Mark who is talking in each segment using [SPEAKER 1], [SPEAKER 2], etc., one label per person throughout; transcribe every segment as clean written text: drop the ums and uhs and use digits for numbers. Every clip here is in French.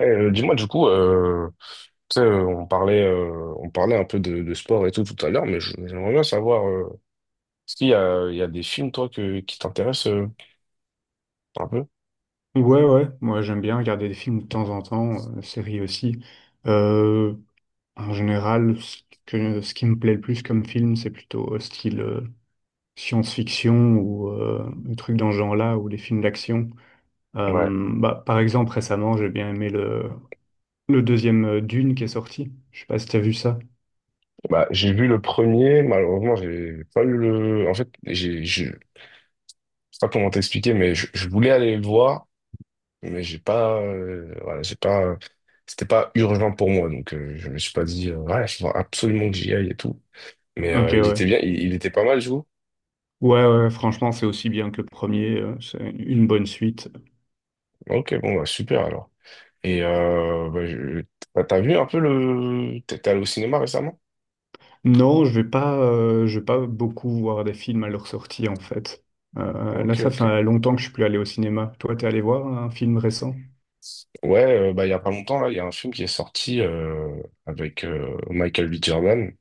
[SPEAKER 1] Eh, dis-moi du coup, tu sais, on parlait un peu de sport et tout à l'heure, mais j'aimerais bien savoir, est-ce qu'il y a des films toi que, qui t'intéressent un peu?
[SPEAKER 2] Ouais, ouais, moi j'aime bien regarder des films de temps en temps, séries aussi. Euh, En général, ce qui me plaît le plus comme film, c'est plutôt style science-fiction ou des trucs dans ce genre-là, ou des films d'action.
[SPEAKER 1] Ouais.
[SPEAKER 2] Bah, par exemple, récemment, j'ai bien aimé le deuxième Dune qui est sorti. Je sais pas si t'as vu ça.
[SPEAKER 1] Bah j'ai vu le premier, malheureusement j'ai pas eu le, en fait j'ai, je sais pas comment t'expliquer, mais je voulais aller le voir, mais j'ai pas, voilà, j'ai pas, c'était pas urgent pour moi, donc je me suis pas dit, ouais, il faut absolument que j'y aille et tout, mais
[SPEAKER 2] Ok,
[SPEAKER 1] il
[SPEAKER 2] ouais.
[SPEAKER 1] était bien, il était pas mal, je vous.
[SPEAKER 2] Ouais, ouais, franchement, c'est aussi bien que le premier. C'est une bonne suite.
[SPEAKER 1] Ok, bon bah super alors. Et bah, t'as vu un peu le... T'es allé au cinéma récemment?
[SPEAKER 2] Non, je vais pas beaucoup voir des films à leur sortie en fait. Là,
[SPEAKER 1] Ok,
[SPEAKER 2] ça
[SPEAKER 1] ok.
[SPEAKER 2] fait longtemps que je suis plus allé au cinéma. Toi, t'es allé voir un film récent?
[SPEAKER 1] Ouais, bah, il y a pas longtemps, là, il y a un film qui est sorti avec Michael B. Jordan.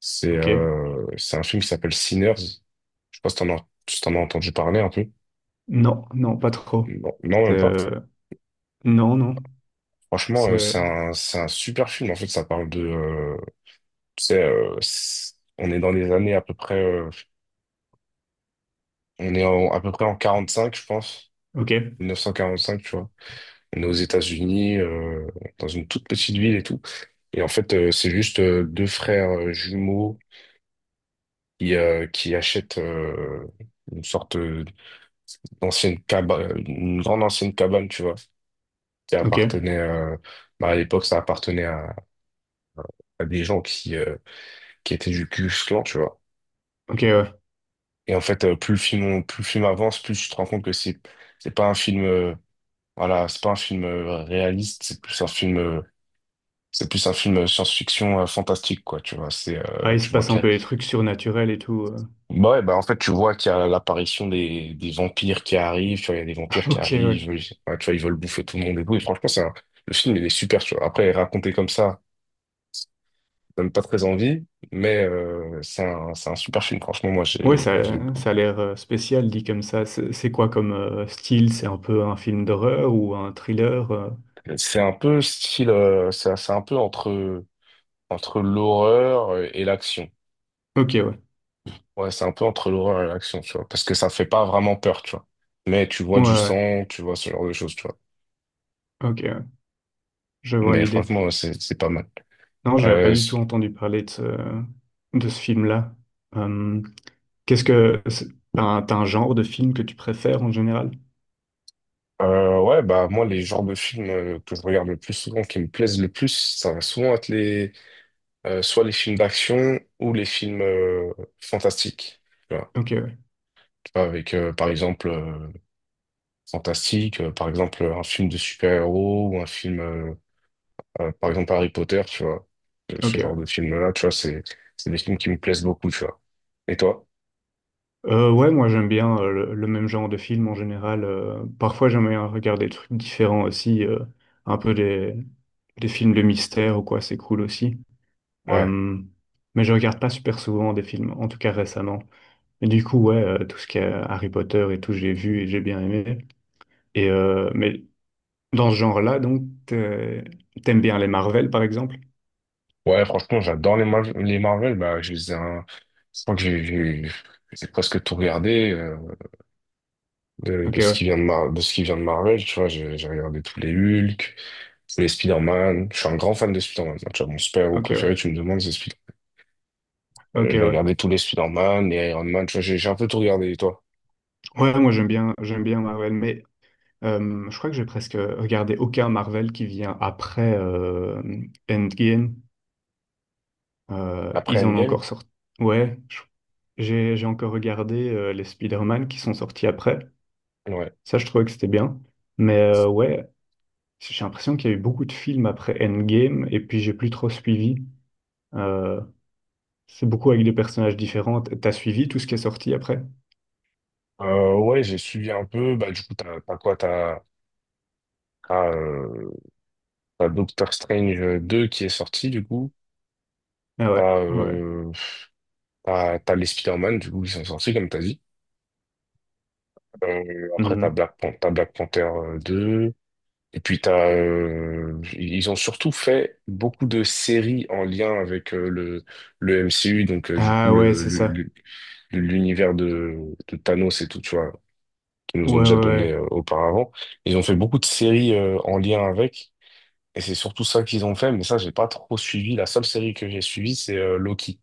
[SPEAKER 1] C'est
[SPEAKER 2] Ok.
[SPEAKER 1] euh, c'est un film qui s'appelle Sinners. Je sais pas si t'en as entendu parler un peu.
[SPEAKER 2] Non, non, pas trop.
[SPEAKER 1] Non, non,
[SPEAKER 2] C'est,
[SPEAKER 1] même pas.
[SPEAKER 2] non, non.
[SPEAKER 1] Franchement,
[SPEAKER 2] C'est
[SPEAKER 1] c'est un super film. En fait, ça parle de... tu sais, on est dans les années à peu près... à peu près en 45 je pense.
[SPEAKER 2] Ok,
[SPEAKER 1] 1945, tu vois. On est aux États-Unis, dans une toute petite ville et tout. Et en fait, c'est juste deux frères jumeaux qui achètent une sorte d'ancienne cabane, une grande ancienne cabane, tu vois, qui
[SPEAKER 2] ok,
[SPEAKER 1] appartenait bah, à l'époque, ça appartenait à des gens qui étaient du Ku Klux Klan, tu vois.
[SPEAKER 2] ok. Ouais.
[SPEAKER 1] Et en fait, plus le film avance, plus tu te rends compte que c'est pas un film, voilà, c'est pas un film réaliste, c'est plus un film C'est plus un film science-fiction fantastique, quoi, tu vois. C'est,
[SPEAKER 2] Ah, il se
[SPEAKER 1] tu vois
[SPEAKER 2] passe un peu des trucs surnaturels et tout.
[SPEAKER 1] Bah ouais, bah en fait, tu vois qu'il y a l'apparition des vampires qui arrivent, tu vois, il y a des vampires qui
[SPEAKER 2] Ok, ouais.
[SPEAKER 1] arrivent, ouais, tu vois, ils veulent bouffer tout le monde et tout. Et franchement, le film, il est super, tu vois. Après, raconté comme ça donne pas très envie, mais c'est un super film. Franchement, moi,
[SPEAKER 2] Ouais,
[SPEAKER 1] j'ai...
[SPEAKER 2] ça a l'air spécial dit comme ça. C'est quoi comme style? C'est un peu un film d'horreur ou un thriller?
[SPEAKER 1] C'est un peu style... c'est un peu entre l'horreur et l'action.
[SPEAKER 2] Ok, ouais.
[SPEAKER 1] Ouais, c'est un peu entre l'horreur et l'action, tu vois, parce que ça fait pas vraiment peur, tu vois. Mais tu vois
[SPEAKER 2] Ouais,
[SPEAKER 1] du
[SPEAKER 2] ouais.
[SPEAKER 1] sang, tu vois ce genre de choses, tu vois.
[SPEAKER 2] Ouais. Ok, ouais. Je vois
[SPEAKER 1] Mais
[SPEAKER 2] l'idée.
[SPEAKER 1] franchement, ouais, c'est pas mal.
[SPEAKER 2] Non, j'avais pas
[SPEAKER 1] Euh,
[SPEAKER 2] du
[SPEAKER 1] s-
[SPEAKER 2] tout entendu parler de ce film-là. Euh, qu'est-ce que, c'est- t'as un genre de film que tu préfères en général?
[SPEAKER 1] ouais, bah moi, les genres de films que je regarde le plus souvent, qui me plaisent le plus, ça va souvent être les soit les films d'action ou les films fantastiques. Tu vois,
[SPEAKER 2] Ok, ouais.
[SPEAKER 1] Tu vois, avec par exemple fantastique, par exemple un film de super-héros ou un film par exemple, Harry Potter, tu vois, ce
[SPEAKER 2] Ok,
[SPEAKER 1] ce genre
[SPEAKER 2] ouais.
[SPEAKER 1] de film-là, tu vois, c'est des films qui me plaisent beaucoup, tu vois. Et toi?
[SPEAKER 2] Ouais, moi j'aime bien le même genre de film en général. Parfois j'aime bien regarder des trucs différents aussi, un peu des films de mystère ou quoi, c'est cool aussi.
[SPEAKER 1] Ouais.
[SPEAKER 2] Euh, mais je regarde pas super souvent des films, en tout cas récemment. Et du coup, ouais, tout ce qui est Harry Potter et tout, j'ai vu et j'ai bien aimé. Et mais dans ce genre-là, donc, t'aimes bien les Marvel, par exemple?
[SPEAKER 1] Ouais, franchement, j'adore les Marvel. Bah, je les ai Je crois que j'ai presque tout regardé de,
[SPEAKER 2] Ok,
[SPEAKER 1] de ce
[SPEAKER 2] ouais.
[SPEAKER 1] qui vient de ce qui vient de Marvel, tu vois. J'ai regardé tous les Hulk, tous les Spider-Man. Je suis un grand fan de Spider-Man. Tu vois, mon super-héros
[SPEAKER 2] Ok,
[SPEAKER 1] préféré,
[SPEAKER 2] ouais.
[SPEAKER 1] tu me demandes, c'est Spider-Man. Euh,
[SPEAKER 2] Ok,
[SPEAKER 1] j'ai
[SPEAKER 2] ouais.
[SPEAKER 1] regardé tous les Spider-Man, les Iron Man, tu vois, j'ai un peu tout regardé. Et toi?
[SPEAKER 2] Ouais, moi, j'aime bien Marvel, mais je crois que j'ai presque regardé aucun Marvel qui vient après Endgame.
[SPEAKER 1] Après
[SPEAKER 2] Ils en ont
[SPEAKER 1] Endgame?
[SPEAKER 2] encore sorti. Ouais, je- j'ai encore regardé les Spider-Man qui sont sortis après.
[SPEAKER 1] Ouais.
[SPEAKER 2] Ça, je trouvais que c'était bien. Mais ouais, j'ai l'impression qu'il y a eu beaucoup de films après Endgame, et puis j'ai plus trop suivi. euh, C'est beaucoup avec des personnages différents. T'as suivi tout ce qui est sorti après?
[SPEAKER 1] Ouais, j'ai suivi un peu. Bah, du coup, t'as, quoi? T'as, t'as, t'as Doctor Strange 2 qui est sorti, du coup.
[SPEAKER 2] Ah ouais,
[SPEAKER 1] T'as,
[SPEAKER 2] ouais.
[SPEAKER 1] euh, t'as les Spider-Man, du coup, qui sont sortis, comme t'as dit. Après, t'as
[SPEAKER 2] Mhm.
[SPEAKER 1] Black Pan- t'as Black Panther 2. Et puis, ils ont surtout fait beaucoup de séries en lien avec le MCU, donc, du coup,
[SPEAKER 2] Ah ouais,
[SPEAKER 1] le,
[SPEAKER 2] c'est
[SPEAKER 1] le-
[SPEAKER 2] ça.
[SPEAKER 1] le- l'univers de Thanos et tout, tu vois, qu'ils nous ont
[SPEAKER 2] Ouais, ouais,
[SPEAKER 1] déjà donné
[SPEAKER 2] ouais.
[SPEAKER 1] auparavant. Ils ont fait beaucoup de séries en lien avec. Et c'est surtout ça qu'ils ont fait, mais ça, j'ai pas trop suivi. La seule série que j'ai suivie, c'est Loki.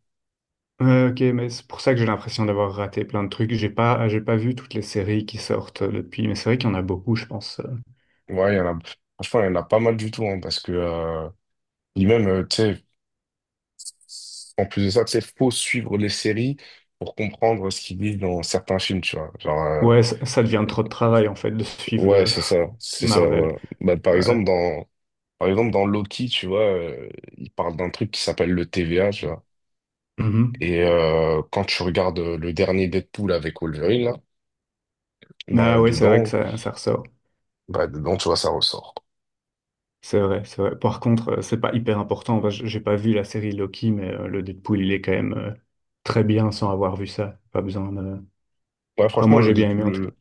[SPEAKER 2] Ouais, ok, mais c'est pour ça que j'ai l'impression d'avoir raté plein de trucs. J'ai pas vu toutes les séries qui sortent depuis, mais c'est vrai qu'il y en a beaucoup, je pense.
[SPEAKER 1] Ouais, il y en a, franchement, il y en a pas mal du tout, hein, parce que, et même, tu sais, en plus de ça, tu sais, faut suivre les séries pour comprendre ce qu'ils disent dans certains films, tu vois. Genre,
[SPEAKER 2] Ouais, ça devient trop de travail, en fait, de suivre
[SPEAKER 1] ouais,
[SPEAKER 2] le
[SPEAKER 1] c'est ça,
[SPEAKER 2] Marvel.
[SPEAKER 1] voilà. Bah,
[SPEAKER 2] Ouais.
[SPEAKER 1] par exemple, dans Loki, tu vois, il parle d'un truc qui s'appelle le TVA, tu vois.
[SPEAKER 2] Mhm.
[SPEAKER 1] Et quand tu regardes le dernier Deadpool avec Wolverine, là, bah,
[SPEAKER 2] Ah ouais, c'est vrai que
[SPEAKER 1] dedans,
[SPEAKER 2] ça ressort.
[SPEAKER 1] bah, dedans, tu vois, ça ressort.
[SPEAKER 2] C'est vrai, c'est vrai. Par contre, c'est pas hyper important. Enfin, j'ai pas vu la série Loki, mais le Deadpool, il est quand même très bien sans avoir vu ça. Pas besoin de...
[SPEAKER 1] Ouais,
[SPEAKER 2] Enfin,
[SPEAKER 1] franchement,
[SPEAKER 2] moi, j'ai bien aimé en tout cas.
[SPEAKER 1] le,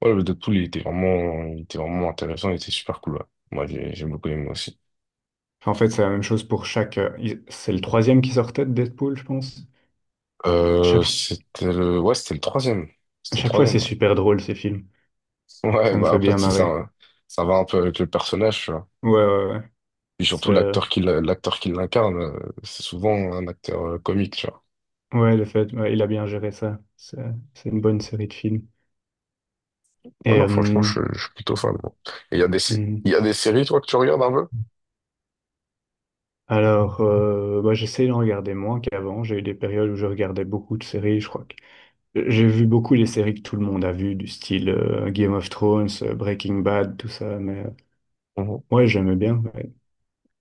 [SPEAKER 1] ouais, le Deadpool, il était vraiment, intéressant, il était super cool, ouais. Moi, j'ai beaucoup aimé aussi.
[SPEAKER 2] Enfin, en fait, c'est la même chose pour chaque. C'est le troisième qui sortait de Deadpool, je pense. Chaque, fo-
[SPEAKER 1] C'était le, ouais, c'était le troisième.
[SPEAKER 2] à
[SPEAKER 1] C'était le
[SPEAKER 2] chaque fois, c'est
[SPEAKER 1] troisième, ouais.
[SPEAKER 2] super drôle ces films.
[SPEAKER 1] Ouais,
[SPEAKER 2] Ça me
[SPEAKER 1] bah
[SPEAKER 2] fait
[SPEAKER 1] après,
[SPEAKER 2] bien
[SPEAKER 1] tu sais,
[SPEAKER 2] marrer.
[SPEAKER 1] ça va un peu avec le personnage, tu vois.
[SPEAKER 2] Ouais, ouais, ouais.
[SPEAKER 1] Et
[SPEAKER 2] C'est,
[SPEAKER 1] surtout, l'acteur qui l'incarne, c'est souvent un acteur comique, tu vois.
[SPEAKER 2] ouais, ouais, il a bien géré ça. C'est une bonne série de films.
[SPEAKER 1] Ouais,
[SPEAKER 2] Et
[SPEAKER 1] non, franchement, je suis plutôt fan, moi. Et il y a des, sé-
[SPEAKER 2] hmm.
[SPEAKER 1] il y a des séries, toi, que tu regardes un peu?
[SPEAKER 2] Alors, bah, j'essaie d'en regarder moins qu'avant. J'ai eu des périodes où je regardais beaucoup de séries. Je crois que j'ai vu beaucoup les séries que tout le monde a vues, du style Game of Thrones, Breaking Bad, tout ça. Mais
[SPEAKER 1] Mhm.
[SPEAKER 2] ouais, j'aimais bien. Ouais.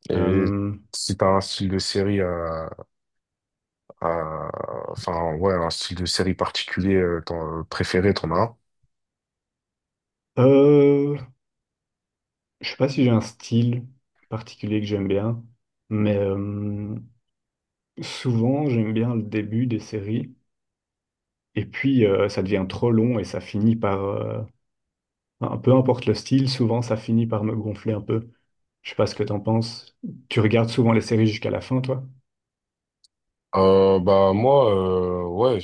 [SPEAKER 1] Et
[SPEAKER 2] Euh,
[SPEAKER 1] si t'as un style de série à Euh, enfin, ouais, un style de série particulier préféré, t'en as un?
[SPEAKER 2] euh, je sais pas si j'ai un style particulier que j'aime bien, mais souvent j'aime bien le début des séries, et puis ça devient trop long et ça finit par, peu importe le style, souvent ça finit par me gonfler un peu. Je sais pas ce que t'en penses. Tu regardes souvent les séries jusqu'à la fin, toi?
[SPEAKER 1] Bah moi ouais,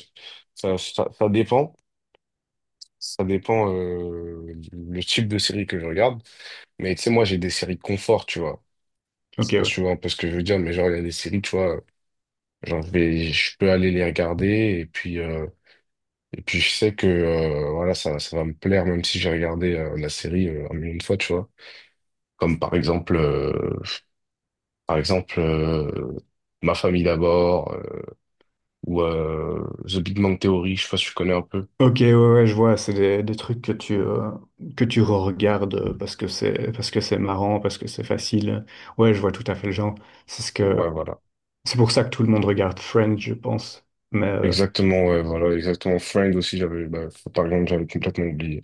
[SPEAKER 1] ça, ça ça dépend ça dépend, le type de série que je regarde. Mais tu sais, moi j'ai des séries confort, tu vois. Je
[SPEAKER 2] Ok,
[SPEAKER 1] sais pas si
[SPEAKER 2] ouais.
[SPEAKER 1] tu vois un peu ce que je veux dire, mais genre, il y a des séries, tu vois. Genre, je peux aller les regarder et puis, je sais que voilà, ça va me plaire même si j'ai regardé la série un million de fois, tu vois. Comme par exemple, par exemple, euh, Ma famille d'abord ou The Big Bang Theory, je sais pas si tu connais un peu.
[SPEAKER 2] Ok, ouais, ouais, je vois, c'est des trucs que tu regardes parce que c'est marrant, parce que c'est facile. Ouais, je vois tout à fait le genre. C'est ce
[SPEAKER 1] Ouais,
[SPEAKER 2] que,
[SPEAKER 1] voilà.
[SPEAKER 2] C'est pour ça que tout le monde regarde Friends, je pense. Mais
[SPEAKER 1] Exactement, ouais, voilà, exactement. Friends aussi, j'avais, bah, par exemple, j'avais complètement oublié.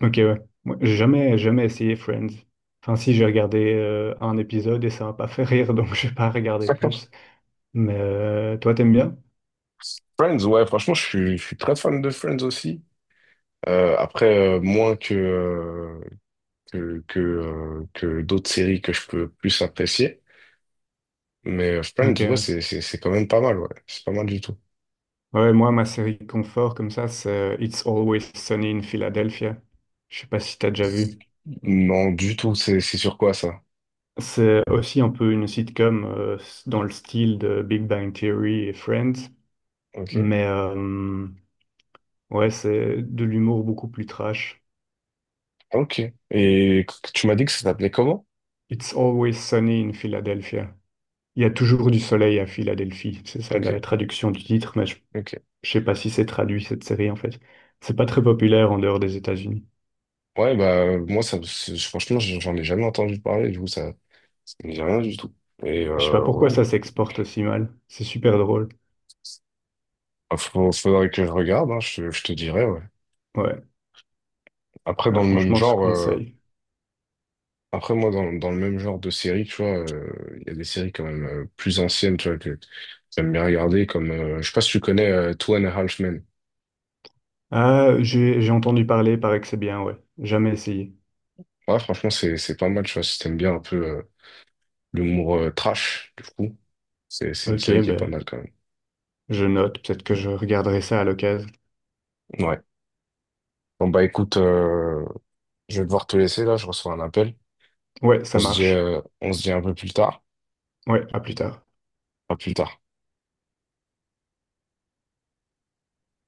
[SPEAKER 2] ok, ouais. Moi, J'ai jamais, jamais essayé Friends. Enfin, si j'ai regardé un épisode et ça m'a pas fait rire, donc je vais pas regarder plus. Mais toi, t'aimes bien?
[SPEAKER 1] Friends, ouais, franchement, je suis très fan de Friends aussi. Après, moins que d'autres séries que je peux plus apprécier. Mais Friends,
[SPEAKER 2] Ok.
[SPEAKER 1] ouais,
[SPEAKER 2] Ouais,
[SPEAKER 1] c'est quand même pas mal, ouais. C'est pas mal du tout.
[SPEAKER 2] ouais, moi, ma série confort comme ça, c'est It's Always Sunny in Philadelphia. Je sais pas si t'as déjà vu.
[SPEAKER 1] Non, du tout, c'est sur quoi ça?
[SPEAKER 2] C'est aussi un peu une sitcom dans le style de Big Bang Theory et Friends,
[SPEAKER 1] Ok.
[SPEAKER 2] mais ouais, c'est de l'humour beaucoup plus trash.
[SPEAKER 1] Ok. Et tu m'as dit que ça s'appelait comment?
[SPEAKER 2] It's always sunny in Philadelphia. Il y a toujours du soleil à Philadelphie. C'est ça la
[SPEAKER 1] Ok.
[SPEAKER 2] traduction du titre, mais
[SPEAKER 1] Ok.
[SPEAKER 2] je sais pas si c'est traduit cette série en fait. C'est pas très populaire en dehors des États-Unis.
[SPEAKER 1] Ouais, bah, moi, ça, franchement, j'en ai jamais entendu parler, du coup, ça me dit rien du tout. Et
[SPEAKER 2] Je sais pas pourquoi
[SPEAKER 1] ouais,
[SPEAKER 2] ça s'exporte aussi mal. C'est super drôle.
[SPEAKER 1] bah, faudrait que je regarde, hein, je te dirais, ouais.
[SPEAKER 2] Ouais,
[SPEAKER 1] Après,
[SPEAKER 2] ah,
[SPEAKER 1] dans le même
[SPEAKER 2] franchement, je
[SPEAKER 1] genre, euh,
[SPEAKER 2] conseille.
[SPEAKER 1] Après, moi, dans le même genre de série, tu vois, il y a des séries quand même plus anciennes, tu vois, que j'aime bien regarder, comme, je sais pas si tu connais Two and a Half Men.
[SPEAKER 2] Ah, j'ai entendu parler, paraît que c'est bien, ouais. Jamais essayé.
[SPEAKER 1] Ouais, franchement, c'est pas mal, tu vois, si t'aimes bien un peu l'humour trash, du coup, c'est une
[SPEAKER 2] Ok,
[SPEAKER 1] série qui est pas
[SPEAKER 2] ben,
[SPEAKER 1] mal quand même.
[SPEAKER 2] je note. Peut-être que je regarderai ça à l'occasion.
[SPEAKER 1] Ouais. Bon, bah écoute, je vais devoir te laisser là, je reçois un appel.
[SPEAKER 2] Ouais,
[SPEAKER 1] On
[SPEAKER 2] ça
[SPEAKER 1] se dit,
[SPEAKER 2] marche.
[SPEAKER 1] euh, on se dit un peu plus tard.
[SPEAKER 2] Ouais, à plus tard.
[SPEAKER 1] À plus tard.